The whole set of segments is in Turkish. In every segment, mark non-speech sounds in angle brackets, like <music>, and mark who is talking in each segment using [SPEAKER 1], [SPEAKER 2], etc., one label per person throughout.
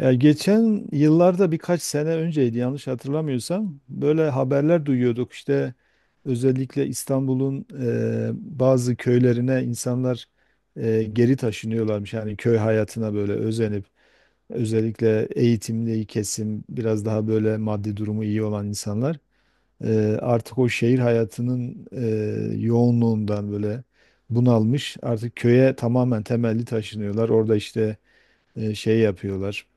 [SPEAKER 1] Ya geçen yıllarda birkaç sene önceydi, yanlış hatırlamıyorsam böyle haberler duyuyorduk işte, özellikle İstanbul'un bazı köylerine insanlar geri taşınıyorlarmış, yani köy hayatına böyle özenip, özellikle eğitimli kesim, biraz daha böyle maddi durumu iyi olan insanlar artık o şehir hayatının yoğunluğundan böyle bunalmış, artık köye tamamen temelli taşınıyorlar. Orada işte şey yapıyorlar.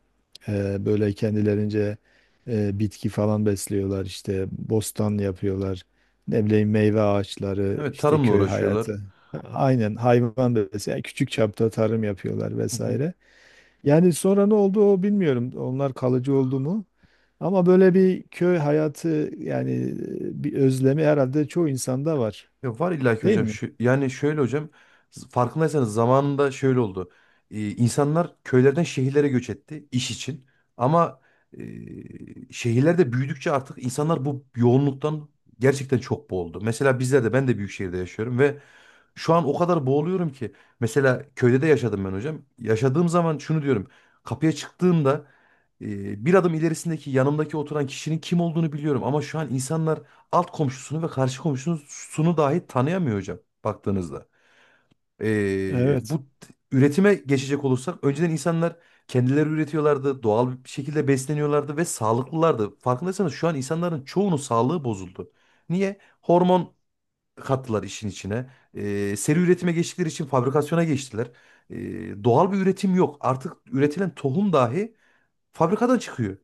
[SPEAKER 1] Böyle kendilerince bitki falan besliyorlar, işte bostan yapıyorlar. Ne bileyim, meyve ağaçları,
[SPEAKER 2] Evet,
[SPEAKER 1] işte
[SPEAKER 2] tarımla
[SPEAKER 1] köy
[SPEAKER 2] uğraşıyorlar.
[SPEAKER 1] hayatı. Aynen, hayvan besliyor. Yani küçük çapta tarım yapıyorlar
[SPEAKER 2] Hı hı.
[SPEAKER 1] vesaire. Yani sonra ne oldu o bilmiyorum. Onlar kalıcı oldu mu? Ama böyle bir köy hayatı yani, bir özlemi herhalde çoğu insanda var.
[SPEAKER 2] Ya var illaki
[SPEAKER 1] Değil
[SPEAKER 2] hocam.
[SPEAKER 1] mi?
[SPEAKER 2] Şu, yani şöyle hocam, farkındaysanız zamanında şöyle oldu. İnsanlar köylerden şehirlere göç etti iş için. Ama şehirlerde büyüdükçe artık insanlar bu yoğunluktan gerçekten çok boğuldu. Mesela bizler de ben de büyük şehirde yaşıyorum ve şu an o kadar boğuluyorum ki. Mesela köyde de yaşadım ben hocam. Yaşadığım zaman şunu diyorum. Kapıya çıktığımda bir adım ilerisindeki yanımdaki oturan kişinin kim olduğunu biliyorum. Ama şu an insanlar alt komşusunu ve karşı komşusunu dahi tanıyamıyor hocam, baktığınızda. E,
[SPEAKER 1] Evet.
[SPEAKER 2] bu üretime geçecek olursak önceden insanlar kendileri üretiyorlardı. Doğal bir şekilde besleniyorlardı ve sağlıklılardı. Farkındaysanız şu an insanların çoğunun sağlığı bozuldu. Niye? Hormon kattılar işin içine. Seri üretime geçtikleri için fabrikasyona geçtiler. Doğal bir üretim yok. Artık üretilen tohum dahi fabrikadan çıkıyor.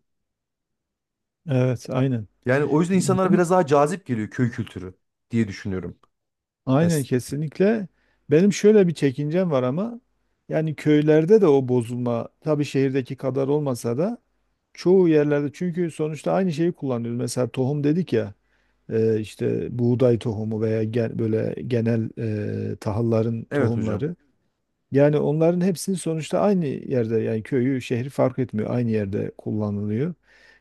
[SPEAKER 1] Evet, aynen.
[SPEAKER 2] Yani o yüzden insanlara
[SPEAKER 1] Bunu
[SPEAKER 2] biraz daha cazip geliyor köy kültürü diye düşünüyorum.
[SPEAKER 1] Aynen,
[SPEAKER 2] Es-
[SPEAKER 1] kesinlikle. Benim şöyle bir çekincem var, ama yani köylerde de o bozulma, tabii şehirdeki kadar olmasa da çoğu yerlerde, çünkü sonuçta aynı şeyi kullanıyoruz. Mesela tohum dedik ya, işte buğday tohumu veya böyle genel, tahılların
[SPEAKER 2] evet hocam.
[SPEAKER 1] tohumları. Yani onların hepsini sonuçta aynı yerde, yani köyü şehri fark etmiyor, aynı yerde kullanılıyor.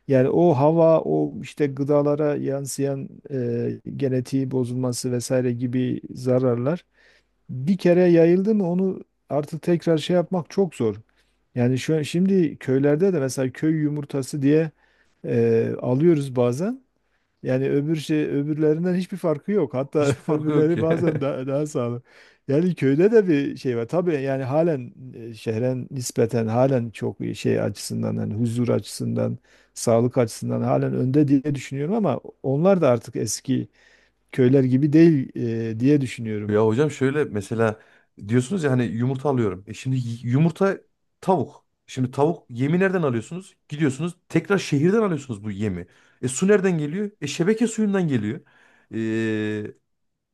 [SPEAKER 1] Yani o hava, o işte gıdalara yansıyan genetiği bozulması vesaire gibi zararlar, bir kere yayıldı mı onu artık tekrar şey yapmak çok zor. Yani şu an şimdi köylerde de, mesela köy yumurtası diye alıyoruz bazen. Yani öbür şey, öbürlerinden hiçbir farkı yok. Hatta
[SPEAKER 2] Hiçbir
[SPEAKER 1] <laughs>
[SPEAKER 2] farkı yok
[SPEAKER 1] öbürleri
[SPEAKER 2] ki.
[SPEAKER 1] bazen
[SPEAKER 2] <laughs>
[SPEAKER 1] daha sağlıklı. Yani köyde de bir şey var. Tabii yani halen şehre nispeten halen çok iyi, şey açısından, hani huzur açısından, sağlık açısından halen önde diye düşünüyorum, ama onlar da artık eski köyler gibi değil, diye düşünüyorum.
[SPEAKER 2] Ya hocam, şöyle mesela diyorsunuz ya hani yumurta alıyorum. E şimdi yumurta tavuk. Şimdi tavuk yemi nereden alıyorsunuz? Gidiyorsunuz tekrar şehirden alıyorsunuz bu yemi. E su nereden geliyor? E şebeke suyundan geliyor.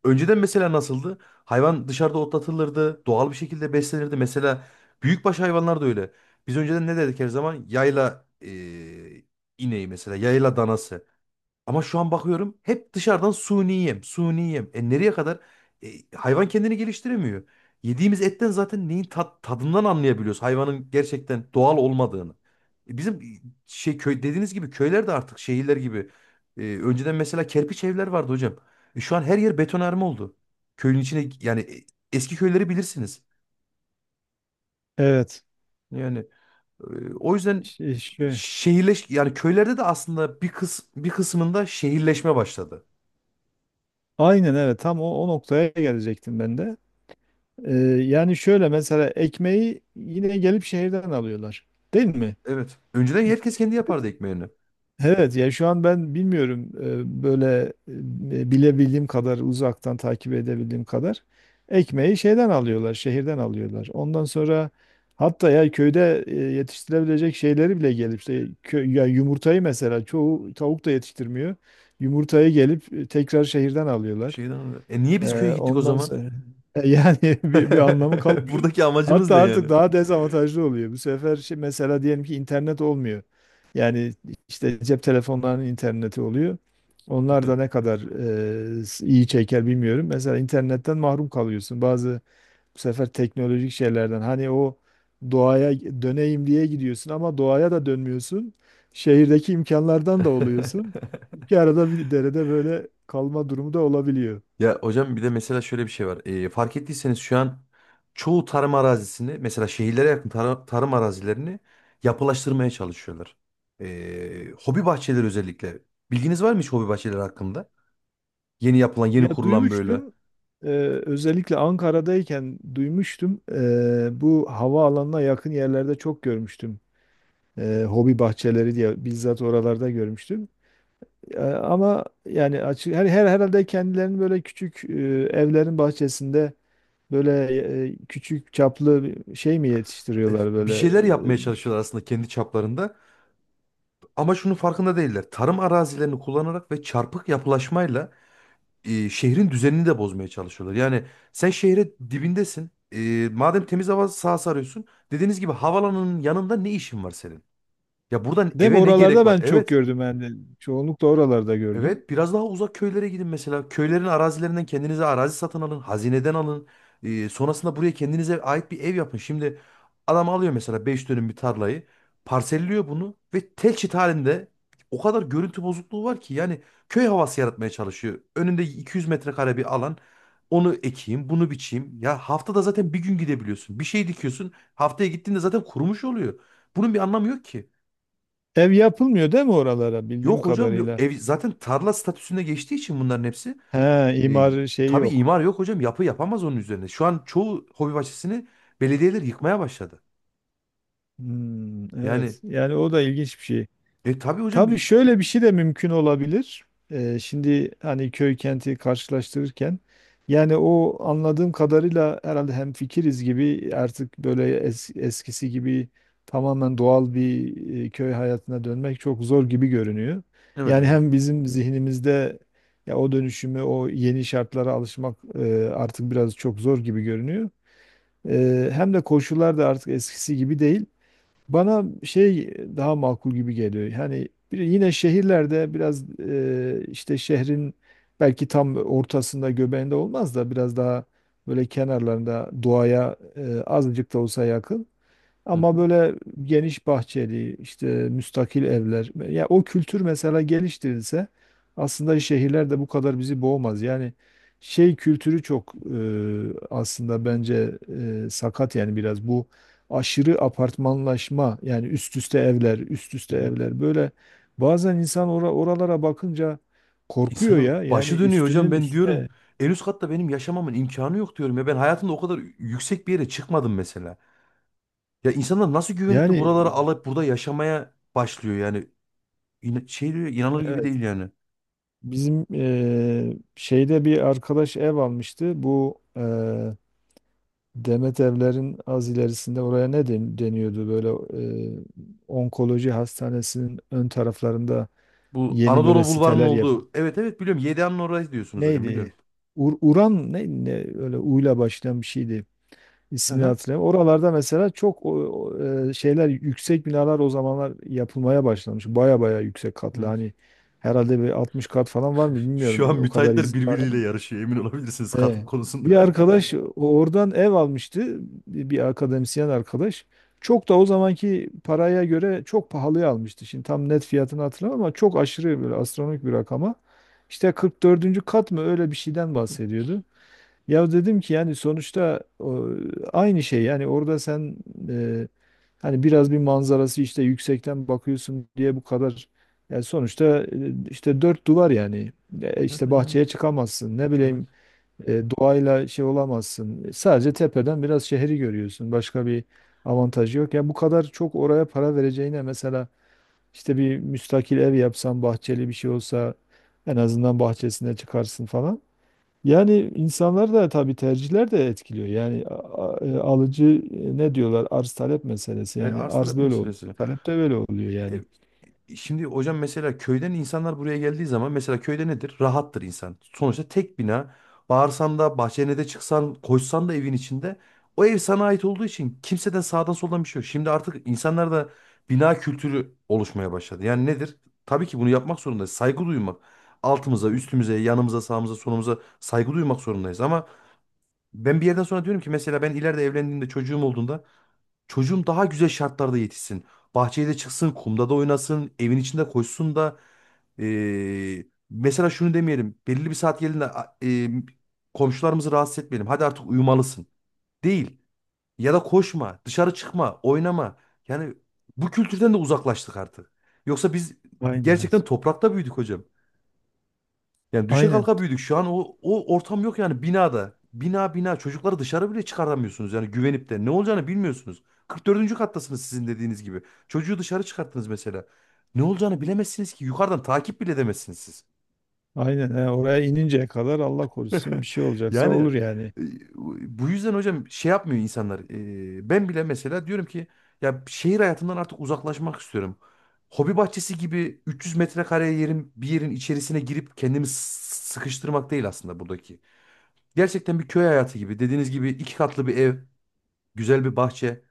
[SPEAKER 2] Önceden mesela nasıldı? Hayvan dışarıda otlatılırdı, doğal bir şekilde beslenirdi. Mesela büyükbaş hayvanlar da öyle. Biz önceden ne dedik her zaman? Yayla ineği mesela, yayla danası. Ama şu an bakıyorum hep dışarıdan suni yem, suni yem. E nereye kadar? E, hayvan kendini geliştiremiyor. Yediğimiz etten zaten neyin tadından anlayabiliyoruz hayvanın gerçekten doğal olmadığını. Bizim şey köy dediğiniz gibi köyler de artık şehirler gibi. Önceden mesela kerpiç evler vardı hocam. Şu an her yer betonarme oldu. Köyün içine yani eski köyleri bilirsiniz.
[SPEAKER 1] Evet.
[SPEAKER 2] Yani o yüzden
[SPEAKER 1] Şey, şey-
[SPEAKER 2] yani köylerde de aslında bir bir kısmında şehirleşme başladı.
[SPEAKER 1] aynen evet, tam o noktaya gelecektim ben de. Ee, Yani şöyle, mesela ekmeği yine gelip şehirden alıyorlar. Değil mi?
[SPEAKER 2] Evet. Önceden
[SPEAKER 1] Ya,
[SPEAKER 2] herkes kendi
[SPEAKER 1] gıd-
[SPEAKER 2] yapardı ekmeğini.
[SPEAKER 1] evet ya, şu an ben bilmiyorum, böyle, bilebildiğim kadar, uzaktan takip edebildiğim kadar, ekmeği şeyden alıyorlar, şehirden alıyorlar. Ondan sonra hatta, ya köyde yetiştirebilecek şeyleri bile gelip işte, ya yumurtayı mesela, çoğu tavuk da yetiştirmiyor. Yumurtayı gelip tekrar şehirden alıyorlar.
[SPEAKER 2] Şeyden E niye biz köye gittik o
[SPEAKER 1] Ondan
[SPEAKER 2] zaman?
[SPEAKER 1] sonra <laughs> yani bir anlamı
[SPEAKER 2] <laughs>
[SPEAKER 1] kalmıyor.
[SPEAKER 2] Buradaki amacımız
[SPEAKER 1] Hatta
[SPEAKER 2] ne yani?
[SPEAKER 1] artık daha dezavantajlı oluyor. Bu sefer şey, mesela diyelim ki internet olmuyor. Yani işte cep telefonlarının interneti oluyor. Onlar da ne kadar iyi çeker bilmiyorum. Mesela internetten mahrum kalıyorsun. Bazı bu sefer teknolojik şeylerden, hani o doğaya döneyim diye gidiyorsun, ama doğaya da dönmüyorsun. Şehirdeki imkanlardan da oluyorsun.
[SPEAKER 2] <laughs> <laughs>
[SPEAKER 1] İki arada bir derede böyle kalma durumu da olabiliyor.
[SPEAKER 2] Ya hocam, bir de mesela şöyle bir şey var. Fark ettiyseniz şu an çoğu tarım arazisini mesela şehirlere yakın tarım arazilerini yapılaştırmaya çalışıyorlar. Hobi bahçeleri özellikle. Bilginiz var mı hiç hobi bahçeleri hakkında? Yeni yapılan, yeni
[SPEAKER 1] Ya
[SPEAKER 2] kurulan böyle.
[SPEAKER 1] duymuştum. Ee, Özellikle Ankara'dayken duymuştum. Bu havaalanına yakın yerlerde çok görmüştüm. Hobi bahçeleri diye bizzat oralarda görmüştüm. Ama yani açık, her herhalde kendilerinin böyle küçük, evlerin bahçesinde böyle, küçük çaplı bir şey mi yetiştiriyorlar
[SPEAKER 2] Bir
[SPEAKER 1] böyle?
[SPEAKER 2] şeyler
[SPEAKER 1] e,
[SPEAKER 2] yapmaya çalışıyorlar aslında kendi çaplarında. Ama şunun farkında değiller. Tarım arazilerini kullanarak ve çarpık yapılaşmayla şehrin düzenini de bozmaya çalışıyorlar. Yani sen şehre dibindesin. E, madem temiz hava sahası arıyorsun. Dediğiniz gibi havalanın yanında ne işin var senin? Ya buradan
[SPEAKER 1] Değil mi?
[SPEAKER 2] eve ne gerek
[SPEAKER 1] Oralarda
[SPEAKER 2] var?
[SPEAKER 1] ben çok
[SPEAKER 2] Evet.
[SPEAKER 1] gördüm yani. Çoğunlukla oralarda gördüm.
[SPEAKER 2] Evet, biraz daha uzak köylere gidin mesela. Köylerin arazilerinden kendinize arazi satın alın, hazineden alın. Sonrasında buraya kendinize ait bir ev yapın. Şimdi adam alıyor mesela 5 dönüm bir tarlayı, parselliyor bunu ve tel çit halinde o kadar görüntü bozukluğu var ki yani köy havası yaratmaya çalışıyor. Önünde 200 metrekare bir alan. Onu ekeyim, bunu biçeyim. Ya haftada zaten bir gün gidebiliyorsun. Bir şey dikiyorsun, haftaya gittiğinde zaten kurumuş oluyor. Bunun bir anlamı yok ki.
[SPEAKER 1] Ev yapılmıyor değil mi oralara, bildiğim
[SPEAKER 2] Yok hocam, yok.
[SPEAKER 1] kadarıyla?
[SPEAKER 2] Ev zaten tarla statüsüne geçtiği için bunların hepsi
[SPEAKER 1] He,
[SPEAKER 2] e,
[SPEAKER 1] imar şeyi
[SPEAKER 2] tabii
[SPEAKER 1] yok.
[SPEAKER 2] imar yok hocam. Yapı yapamaz onun üzerine. Şu an çoğu hobi bahçesini belediyeler yıkmaya başladı.
[SPEAKER 1] Hmm,
[SPEAKER 2] Yani
[SPEAKER 1] evet. Yani o da ilginç bir şey.
[SPEAKER 2] tabii hocam
[SPEAKER 1] Tabii
[SPEAKER 2] bir.
[SPEAKER 1] şöyle bir şey de mümkün olabilir. Şimdi hani köy kenti karşılaştırırken, yani o anladığım kadarıyla herhalde hemfikiriz gibi, artık böyle eskisi gibi tamamen doğal bir, köy hayatına dönmek çok zor gibi görünüyor.
[SPEAKER 2] Evet
[SPEAKER 1] Yani
[SPEAKER 2] hocam.
[SPEAKER 1] hem bizim zihnimizde, ya o dönüşümü, o yeni şartlara alışmak artık biraz çok zor gibi görünüyor. Hem de koşullar da artık eskisi gibi değil. Bana şey daha makul gibi geliyor. Yani yine şehirlerde biraz, işte şehrin belki tam ortasında göbeğinde olmaz da, biraz daha böyle kenarlarında, doğaya azıcık da olsa yakın.
[SPEAKER 2] Hı
[SPEAKER 1] Ama
[SPEAKER 2] hı.
[SPEAKER 1] böyle geniş bahçeli, işte müstakil evler. Ya o kültür mesela geliştirilse, aslında şehirler de bu kadar bizi boğmaz. Yani şey kültürü çok, aslında bence sakat, yani biraz bu aşırı apartmanlaşma, yani üst üste evler, üst üste
[SPEAKER 2] Evet.
[SPEAKER 1] evler, böyle bazen insan oralara bakınca korkuyor
[SPEAKER 2] İnsanın
[SPEAKER 1] ya. Yani
[SPEAKER 2] başı dönüyor hocam,
[SPEAKER 1] üstünün
[SPEAKER 2] ben diyorum.
[SPEAKER 1] üstüne
[SPEAKER 2] En üst katta benim yaşamamın imkanı yok diyorum ya. Ben hayatımda o kadar yüksek bir yere çıkmadım mesela. Ya insanlar nasıl güvenip de
[SPEAKER 1] yani,
[SPEAKER 2] buraları alıp burada yaşamaya başlıyor yani. İn şey diyor, inanılır gibi
[SPEAKER 1] evet.
[SPEAKER 2] değil yani.
[SPEAKER 1] Bizim şeyde bir arkadaş ev almıştı. Bu Demet Evler'in az ilerisinde, oraya ne deniyordu? Böyle eee, onkoloji hastanesinin ön taraflarında
[SPEAKER 2] Bu
[SPEAKER 1] yeni böyle
[SPEAKER 2] Anadolu Bulvarı'nın
[SPEAKER 1] siteler.
[SPEAKER 2] olduğu. Evet, evet, biliyorum. YDA'nın orası diyorsunuz hocam, biliyorum.
[SPEAKER 1] Neydi? Uran ne, öyle uyla başlayan bir şeydi.
[SPEAKER 2] Hı
[SPEAKER 1] İsmini
[SPEAKER 2] hı.
[SPEAKER 1] hatırlayamıyorum. Oralarda mesela çok şeyler, yüksek binalar o zamanlar yapılmaya başlamış. Baya baya yüksek katlı,
[SPEAKER 2] Evet.
[SPEAKER 1] hani herhalde bir 60 kat falan var mı bilmiyorum.
[SPEAKER 2] Şu an
[SPEAKER 1] O kadar
[SPEAKER 2] müteahhitler
[SPEAKER 1] izin var.
[SPEAKER 2] birbiriyle yarışıyor, emin olabilirsiniz katkı
[SPEAKER 1] E, Bir
[SPEAKER 2] konusunda.
[SPEAKER 1] arkadaş oradan ev almıştı. Bir akademisyen arkadaş. Çok da o zamanki paraya göre çok pahalıya almıştı. Şimdi tam net fiyatını hatırlamam, ama çok aşırı böyle astronomik bir rakama. İşte 44. kat mı, öyle bir şeyden
[SPEAKER 2] <laughs>
[SPEAKER 1] bahsediyordu. Ya dedim ki, yani sonuçta o, aynı şey yani, orada sen, e, hani biraz bir manzarası, işte yüksekten bakıyorsun diye bu kadar, yani sonuçta işte dört duvar yani.
[SPEAKER 2] Evet
[SPEAKER 1] İşte
[SPEAKER 2] yani.
[SPEAKER 1] bahçeye çıkamazsın, ne
[SPEAKER 2] Evet.
[SPEAKER 1] bileyim, doğayla şey olamazsın. Sadece tepeden biraz şehri görüyorsun. Başka bir avantajı yok. Ya bu kadar çok oraya para vereceğine, mesela işte bir müstakil ev yapsan, bahçeli bir şey olsa, en azından bahçesine çıkarsın falan. Yani insanlar da tabii, tercihler de etkiliyor. Yani alıcı, ne diyorlar? Arz talep meselesi.
[SPEAKER 2] E,
[SPEAKER 1] Yani
[SPEAKER 2] arz
[SPEAKER 1] arz
[SPEAKER 2] talep
[SPEAKER 1] böyle oluyor,
[SPEAKER 2] meselesi.
[SPEAKER 1] talep de böyle oluyor
[SPEAKER 2] E,
[SPEAKER 1] yani.
[SPEAKER 2] Şimdi hocam, mesela köyden insanlar buraya geldiği zaman mesela köyde nedir? Rahattır insan. Sonuçta tek bina. Bağırsan da bahçene de çıksan koşsan da evin içinde o ev sana ait olduğu için kimseden sağdan soldan bir şey yok. Şimdi artık insanlarda bina kültürü oluşmaya başladı. Yani nedir? Tabii ki bunu yapmak zorundayız. Saygı duymak. Altımıza, üstümüze, yanımıza, sağımıza, solumuza saygı duymak zorundayız. Ama ben bir yerden sonra diyorum ki mesela ben ileride evlendiğimde çocuğum olduğunda çocuğum daha güzel şartlarda yetişsin. Bahçede çıksın, kumda da oynasın, evin içinde koşsun da mesela şunu demeyelim. Belirli bir saat geldiğinde komşularımızı rahatsız etmeyelim. Hadi artık uyumalısın. Değil. Ya da koşma, dışarı çıkma, oynama. Yani bu kültürden de uzaklaştık artık. Yoksa biz
[SPEAKER 1] Aynen.
[SPEAKER 2] gerçekten toprakta büyüdük hocam. Yani düşe
[SPEAKER 1] Aynen.
[SPEAKER 2] kalka büyüdük. Şu an o ortam yok yani binada. Bina bina çocukları dışarı bile çıkaramıyorsunuz yani güvenip de. Ne olacağını bilmiyorsunuz. 44. kattasınız sizin dediğiniz gibi. Çocuğu dışarı çıkarttınız mesela. Ne olacağını bilemezsiniz ki. Yukarıdan takip bile edemezsiniz siz.
[SPEAKER 1] Aynen. Yani oraya ininceye kadar, Allah korusun, bir
[SPEAKER 2] <laughs>
[SPEAKER 1] şey olacaksa
[SPEAKER 2] Yani
[SPEAKER 1] olur yani.
[SPEAKER 2] e, bu yüzden hocam şey yapmıyor insanlar. Ben bile mesela diyorum ki ya şehir hayatından artık uzaklaşmak istiyorum. Hobi bahçesi gibi 300 metrekare yerin bir yerin içerisine girip kendimi sıkıştırmak değil aslında buradaki gerçekten bir köy hayatı gibi. Dediğiniz gibi iki katlı bir ev, güzel bir bahçe.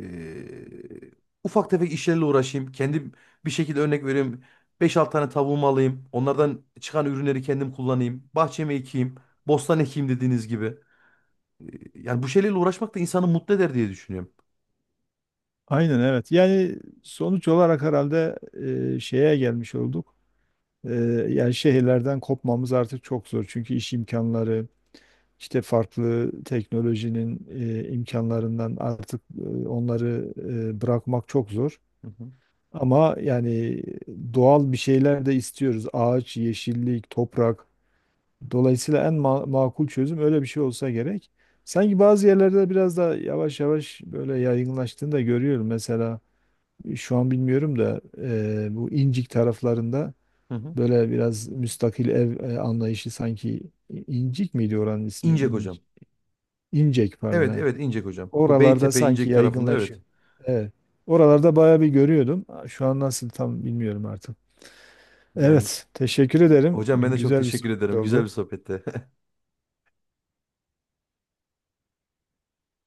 [SPEAKER 2] Ee, ufak tefek işlerle uğraşayım. Kendim bir şekilde örnek vereyim. Beş 6 tane tavuğumu alayım. Onlardan çıkan ürünleri kendim kullanayım. Bahçeme ekeyim. Bostan ekeyim dediğiniz gibi. Ee, yani bu şeylerle uğraşmak da insanı mutlu eder diye düşünüyorum.
[SPEAKER 1] Aynen, evet. Yani sonuç olarak herhalde şeye gelmiş olduk. E, Yani şehirlerden kopmamız artık çok zor. Çünkü iş imkanları, İşte farklı teknolojinin imkanlarından artık, onları bırakmak çok zor.
[SPEAKER 2] Hı hı.
[SPEAKER 1] Ama yani doğal bir şeyler de istiyoruz. Ağaç, yeşillik, toprak. Dolayısıyla en makul çözüm öyle bir şey olsa gerek. Sanki bazı yerlerde biraz da yavaş yavaş böyle yaygınlaştığını da görüyorum. Mesela şu an bilmiyorum da, bu İncik taraflarında
[SPEAKER 2] Hı hı.
[SPEAKER 1] böyle biraz müstakil ev, anlayışı, sanki İncik miydi oranın ismi?
[SPEAKER 2] İncek hocam.
[SPEAKER 1] İncek pardon.
[SPEAKER 2] Evet,
[SPEAKER 1] He.
[SPEAKER 2] evet, İncek hocam. Bu
[SPEAKER 1] Oralarda
[SPEAKER 2] Beytepe
[SPEAKER 1] sanki
[SPEAKER 2] İncek tarafında, evet.
[SPEAKER 1] yaygınlaşıyor. Evet. Oralarda bayağı bir görüyordum. Şu an nasıl tam bilmiyorum artık.
[SPEAKER 2] Yani
[SPEAKER 1] Evet, teşekkür ederim.
[SPEAKER 2] hocam, ben de çok
[SPEAKER 1] Güzel bir
[SPEAKER 2] teşekkür ederim.
[SPEAKER 1] sohbet
[SPEAKER 2] Güzel
[SPEAKER 1] oldu.
[SPEAKER 2] bir sohbette. <laughs>